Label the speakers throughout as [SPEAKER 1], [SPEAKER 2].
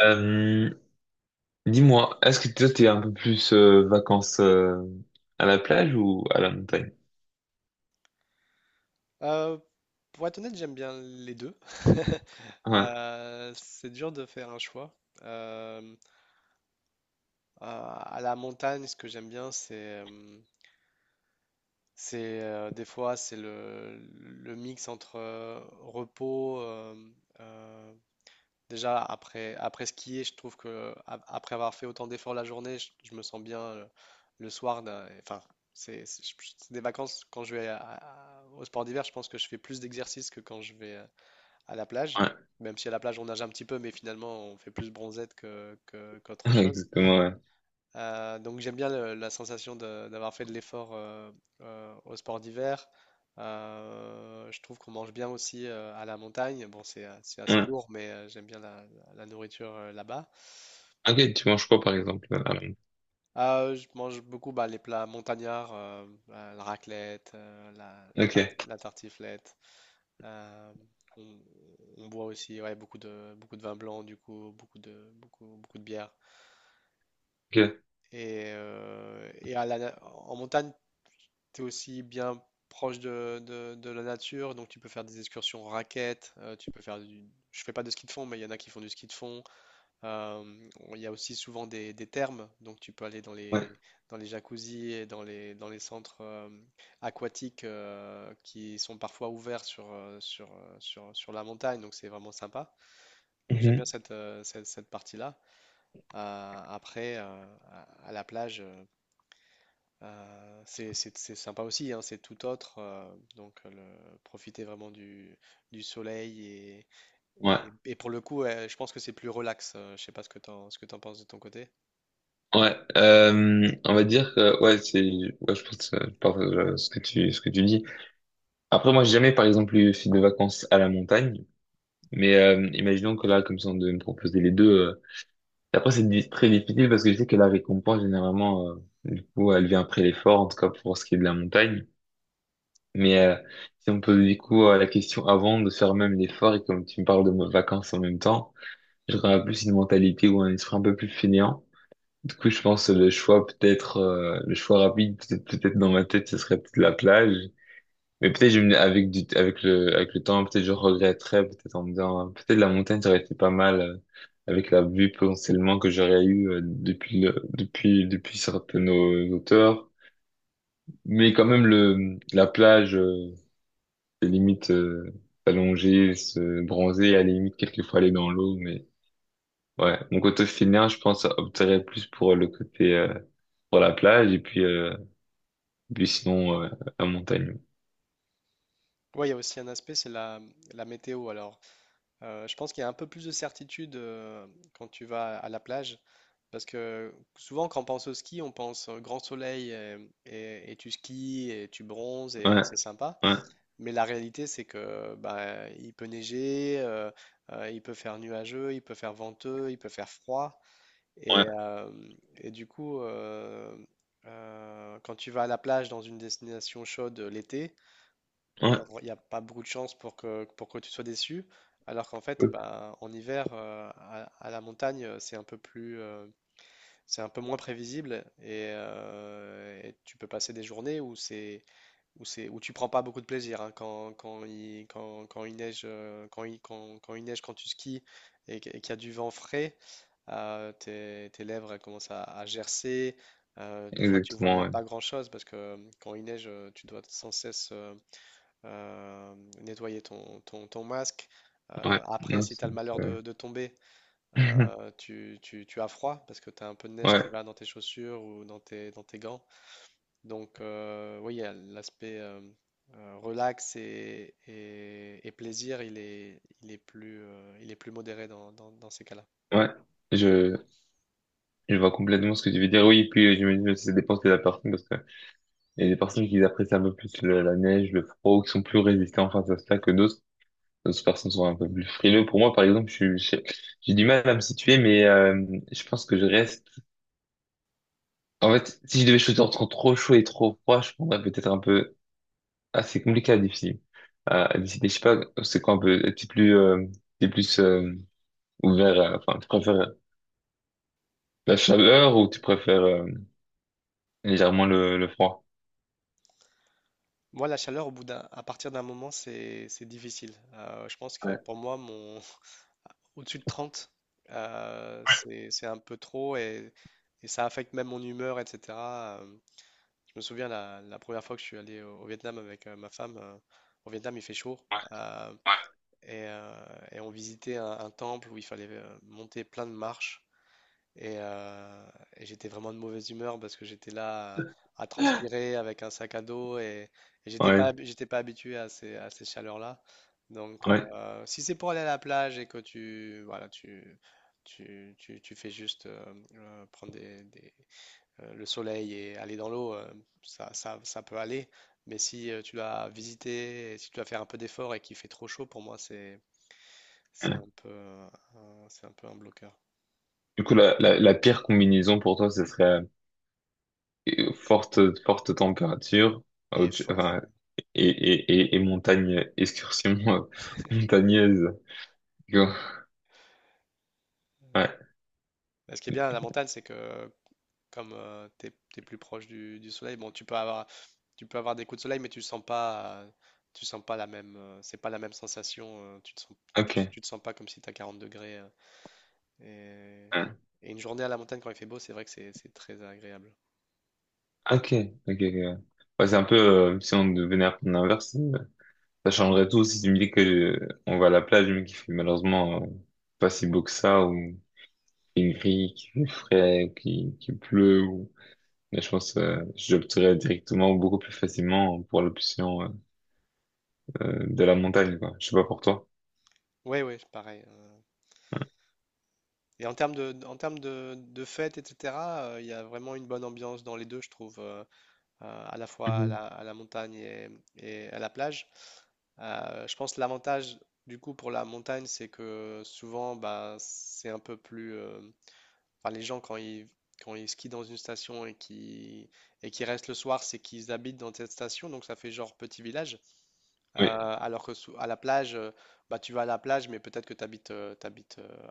[SPEAKER 1] Euh, dis-moi, est-ce que toi t'es un peu plus vacances à la plage ou à la montagne?
[SPEAKER 2] Euh, pour être honnête, j'aime bien les deux.
[SPEAKER 1] Ouais,
[SPEAKER 2] C'est dur de faire un choix. Euh, à la montagne, ce que j'aime bien, euh, c'est des fois c'est le mix entre repos. Euh, Déjà après skier, je trouve que après avoir fait autant d'efforts la journée, je me sens bien le soir. Enfin, c'est c'est- c'est des vacances. Quand je vais au sport d'hiver, je pense que je fais plus d'exercices que quand je vais à la plage.
[SPEAKER 1] ouais,
[SPEAKER 2] Même si à la plage on nage un petit peu, mais finalement on fait plus bronzette que, que- qu'autre
[SPEAKER 1] ouais,
[SPEAKER 2] chose.
[SPEAKER 1] exactement, ouais.
[SPEAKER 2] Donc j'aime bien la sensation d'avoir fait de l'effort au sport d'hiver. Je trouve qu'on mange bien aussi à la montagne. Bon, c'est assez
[SPEAKER 1] Ouais.
[SPEAKER 2] lourd, mais j'aime bien la nourriture là-bas.
[SPEAKER 1] Ok, tu manges quoi par exemple à la montagne?
[SPEAKER 2] Je mange beaucoup, bah, les plats montagnards, la raclette, la, la tarte-
[SPEAKER 1] Ok,
[SPEAKER 2] la tartiflette. Euh, on, on boit aussi, ouais, beaucoup de vin blanc, du coup, beaucoup de bière.
[SPEAKER 1] ok,
[SPEAKER 2] Et à la en montagne, tu es aussi bien proche de la nature, donc tu peux faire des excursions en raquettes. Tu peux faire du... Je fais pas de ski de fond, mais il y en a qui font du ski de fond. Euh, il y a aussi souvent des thermes, donc tu peux aller dans
[SPEAKER 1] ouais.
[SPEAKER 2] les, dans les jacuzzis et dans les centres aquatiques qui sont parfois ouverts sur la montagne, donc c'est vraiment sympa. Donc j'aime bien
[SPEAKER 1] Mhm.
[SPEAKER 2] cette partie-là. Après, à la plage, c'est sympa aussi, hein, c'est tout autre. Donc, profiter vraiment du soleil,
[SPEAKER 1] Ouais,
[SPEAKER 2] et pour le coup, je pense que c'est plus relax. Je sais pas ce que t'en penses de ton côté.
[SPEAKER 1] ouais. On va dire que ouais, je pense je partage ce que tu dis. Après, moi, j'ai jamais par exemple eu fait de vacances à la montagne, mais imaginons que là, comme ça, on devait me proposer les deux. Après, très difficile parce que je sais que la récompense, généralement, du coup, elle vient après l'effort, en tout cas pour ce qui est de la montagne. Mais si on pose du coup la question avant de faire même l'effort, et comme tu me parles de vacances en même temps, j'aurais plus une mentalité ou un esprit un peu plus fainéant. Du coup, je pense que le choix peut-être, le choix rapide, peut-être dans ma tête, ce serait peut-être la plage. Mais avec du avec le temps, peut-être je regretterais, peut-être en me disant, peut-être la montagne ça aurait été pas mal avec la vue potentiellement que j'aurais eu depuis le depuis depuis certaines hauteurs. Mais quand même le la plage, c'est limite s'allonger, se bronzer, à la limite quelquefois aller dans l'eau. Mais ouais, mon côté finir, je pense opterait plus pour le côté pour la plage et puis puis sinon la montagne.
[SPEAKER 2] Oui, il y a aussi un aspect, c'est la météo. Alors, je pense qu'il y a un peu plus de certitude quand tu vas à la plage, parce que souvent, quand on pense au ski, on pense grand soleil, et tu skis et tu bronzes et
[SPEAKER 1] Ouais,
[SPEAKER 2] c'est sympa.
[SPEAKER 1] ouais,
[SPEAKER 2] Mais la réalité, c'est que, bah, il peut neiger, il peut faire nuageux, il peut faire venteux, il peut faire froid. Et,
[SPEAKER 1] ouais,
[SPEAKER 2] euh, et du coup, quand tu vas à la plage dans une destination chaude, l'été, il
[SPEAKER 1] ouais,
[SPEAKER 2] n'y a pas beaucoup de chances pour que tu sois déçu. Alors qu'en fait, bah, en hiver, à la montagne, c'est un peu moins prévisible, et tu peux passer des journées où tu prends pas beaucoup de plaisir, hein. Quand il neige, quand il neige, quand tu skis et qu'il y a du vent frais, tes lèvres elles commencent à gercer. Des fois, tu vois
[SPEAKER 1] exactement,
[SPEAKER 2] même
[SPEAKER 1] ouais.
[SPEAKER 2] pas grand-chose parce que, quand il neige, tu dois sans cesse euh, nettoyer ton masque.
[SPEAKER 1] Ouais,
[SPEAKER 2] Après,
[SPEAKER 1] non,
[SPEAKER 2] si tu as
[SPEAKER 1] c'est-
[SPEAKER 2] le malheur
[SPEAKER 1] c'est-
[SPEAKER 2] de tomber, tu as froid parce que tu as un peu de neige qui
[SPEAKER 1] ouais,
[SPEAKER 2] va dans tes chaussures ou dans tes gants. Donc, oui, il y a l'aspect relax et plaisir, il est plus modéré dans ces cas-là.
[SPEAKER 1] ouais, je, je vois complètement ce que tu veux dire. Oui, puis j'imagine que ça dépend de la personne parce que il y a des personnes qui apprécient un peu plus la neige, le froid, ou qui sont plus résistantes face à cela que d'autres. D'autres personnes sont un peu plus frileux. Pour moi, par exemple, j'ai du mal à me situer, mais je pense que je reste. En fait, si je devais choisir entre trop chaud et trop froid, je prendrais peut-être un peu. Ah, c'est compliqué à décider. À décider, je sais pas, c'est quoi un peu. T'es plus ouvert. Enfin, tu préfères la chaleur ou tu préfères légèrement le froid?
[SPEAKER 2] Moi, la chaleur, à partir d'un moment, c'est difficile. Je pense que
[SPEAKER 1] Ouais.
[SPEAKER 2] pour moi, mon, au-dessus de 30, c'est un peu trop, et ça affecte même mon humeur, etc. Je me souviens la première fois que je suis allé au Vietnam avec, ma femme. Au Vietnam, il fait chaud, euh, et, euh, et on visitait un temple où il fallait, monter plein de marches. Et, euh, et j'étais vraiment de mauvaise humeur parce que j'étais là à transpirer avec un sac à dos, et j'étais pas,
[SPEAKER 1] Ouais,
[SPEAKER 2] hab- j'étais pas habitué à ces chaleurs-là. Donc,
[SPEAKER 1] ouais.
[SPEAKER 2] si c'est pour aller à la plage et que tu, voilà, tu fais juste, prendre le soleil et aller dans l'eau, ça peut aller. Mais si, tu dois visiter, et si tu dois faire un peu d'effort et qu'il fait trop chaud, pour moi, c'est un
[SPEAKER 1] Ouais.
[SPEAKER 2] peu, c'est un peu un bloqueur.
[SPEAKER 1] Du coup, la pire combinaison pour toi, ce serait euh, forte, forte température
[SPEAKER 2] Et fort.
[SPEAKER 1] enfin,
[SPEAKER 2] Ouais.
[SPEAKER 1] et, et montagne, excursion montagneuse. Go. Ouais,
[SPEAKER 2] Mais ce qui est bien à la montagne, c'est que comme, t'es plus proche du soleil, bon, tu peux avoir des coups de soleil, mais tu sens pas, c'est pas la même sensation. Tu
[SPEAKER 1] ok.
[SPEAKER 2] tu, te sens pas comme si t'as 40 degrés.
[SPEAKER 1] Ouais.
[SPEAKER 2] Et, et une journée à la montagne quand il fait beau, c'est vrai que c'est très agréable.
[SPEAKER 1] Ok, ok, ok. Ouais, ouais, c'est un peu, si on devenait un peu l'inverse, ça changerait tout si tu me dis que on va à la plage, mais qu'il fait malheureusement pas si beau que ça, il gris, qu'il ferait, qu'il pleut. Ou… Mais je pense j'opterais directement beaucoup plus facilement pour l'option de la montagne, quoi. Je sais pas pour toi.
[SPEAKER 2] Oui, oui, pareil. Et en termes de, de fêtes, etc., il y a vraiment une bonne ambiance dans les deux, je trouve, à la fois
[SPEAKER 1] Mhm.
[SPEAKER 2] à la montagne et à la plage. Je pense que l'avantage du coup pour la montagne, c'est que souvent, bah, c'est un peu plus. Enfin, les gens quand ils skient dans une station et qui restent le soir, c'est qu'ils habitent dans cette station, donc ça fait genre petit village.
[SPEAKER 1] Oui,
[SPEAKER 2] Alors que à la plage, bah, tu vas à la plage, mais peut-être que tu habites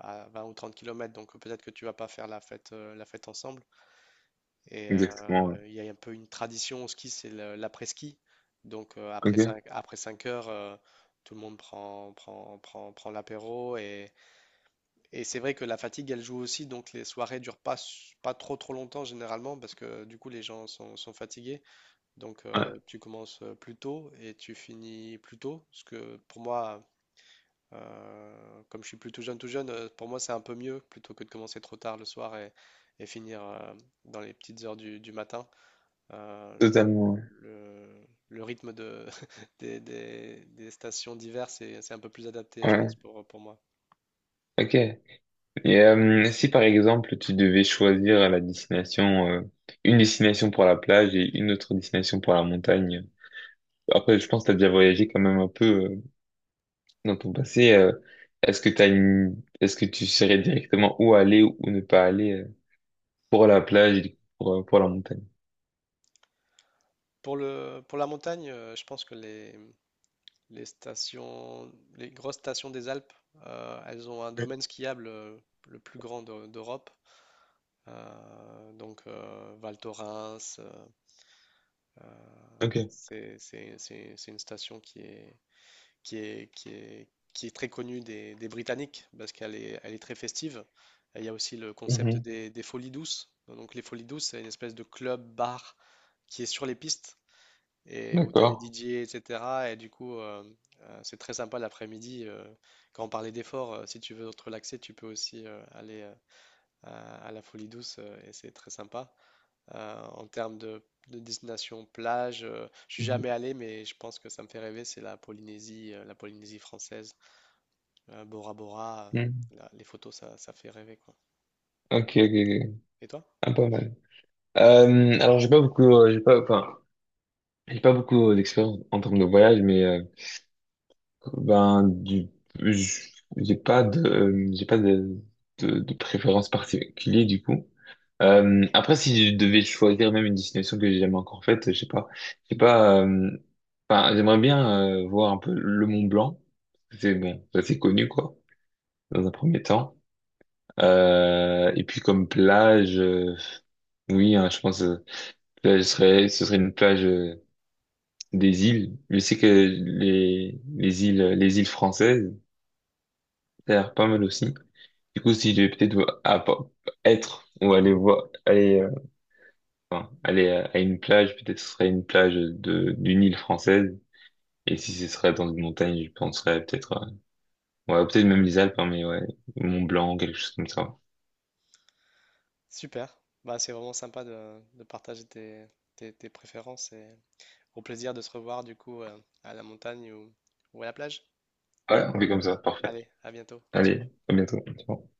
[SPEAKER 2] à 20 ou 30 km, donc peut-être que tu vas pas faire la fête ensemble. Et
[SPEAKER 1] exactement, ouais.
[SPEAKER 2] il y a un peu une tradition au ski, c'est l'après-ski. Donc, après
[SPEAKER 1] Ok.
[SPEAKER 2] 5 après 5 heures, tout le monde prend l'apéro. Et c'est vrai que la fatigue, elle joue aussi. Donc les soirées durent pas, pas trop trop longtemps généralement parce que du coup les gens sont fatigués. Donc,
[SPEAKER 1] Ouais,
[SPEAKER 2] tu commences plus tôt et tu finis plus tôt. Parce que pour moi, comme je suis plutôt jeune, tout jeune, pour moi c'est un peu mieux plutôt que de commencer trop tard le soir et finir dans les petites heures du matin. euh, le,
[SPEAKER 1] totalement.
[SPEAKER 2] le- le rythme des stations d'hiver, c'est un peu plus adapté,
[SPEAKER 1] Ouais.
[SPEAKER 2] je pense,
[SPEAKER 1] Ouais.
[SPEAKER 2] pour moi.
[SPEAKER 1] Ok. Et si par exemple tu devais choisir la destination, une destination pour la plage et une autre destination pour la montagne. Après, je pense que t'as déjà voyagé quand même un peu dans ton passé. Est-ce que t'as une… est-ce que tu saurais directement où aller ou ne pas aller? Pour la plage et du coup, pour la montagne.
[SPEAKER 2] Pour la montagne, je pense que les stations, les grosses stations des Alpes, elles ont un
[SPEAKER 1] Oui.
[SPEAKER 2] domaine skiable, le plus grand d'Europe. Donc, Val Thorens,
[SPEAKER 1] Ok.
[SPEAKER 2] c'est une station qui est, qui est, qui est très connue des Britanniques, parce qu'elle est, elle est très festive. Et il y a aussi le concept
[SPEAKER 1] Mhm.
[SPEAKER 2] des folies douces. Donc les folies douces, c'est une espèce de club bar qui est sur les pistes et où tu as des
[SPEAKER 1] D'accord.
[SPEAKER 2] DJ, etc. Et cetera. Et du coup, c'est très sympa l'après-midi. Quand on parlait d'effort, si tu veux te relaxer, tu peux aussi, aller, à la folie douce, et c'est très sympa, en termes de destination plage. Je suis
[SPEAKER 1] Mhm.
[SPEAKER 2] jamais allé, mais je pense que ça me fait rêver. C'est la Polynésie, la Polynésie française, Bora Bora.
[SPEAKER 1] Mhm.
[SPEAKER 2] La- les photos, ça fait rêver, quoi.
[SPEAKER 1] Ok, ok, ok.
[SPEAKER 2] Et toi?
[SPEAKER 1] Ah, pas mal. Alors, j'ai pas, enfin, j'ai pas beaucoup d'expérience en termes de voyage, mais ben, j- j'ai pas de, de préférence particulière du coup. Après, si je devais choisir même une destination que j'ai jamais encore faite, je sais pas, j'ai pas. Enfin, j'aimerais bien voir un peu le Mont Blanc. C'est bon, ça c'est connu quoi. Dans un premier temps. Et puis comme plage, oui, hein, je pense plage serait, ce serait une plage des îles. Je sais que les îles françaises, ça a l'air pas mal aussi. Du coup, si je vais peut-être vo- à- pa- être ou aller voir, aller, enfin, aller à une plage, peut-être ce serait une plage de d'une île française. Et si ce serait dans une montagne, je penserais peut-être, ouais, peut-être même les Alpes, hein, mais ouais, Mont Blanc, quelque chose comme ça.
[SPEAKER 2] Super. Bah, c'est vraiment sympa de partager tes préférences et au plaisir de se revoir du coup, à la montagne ou à la plage.
[SPEAKER 1] Ouais, on fait comme ça, parfait.
[SPEAKER 2] Allez, à bientôt. Ciao.
[SPEAKER 1] Allez, à bientôt. Ciao.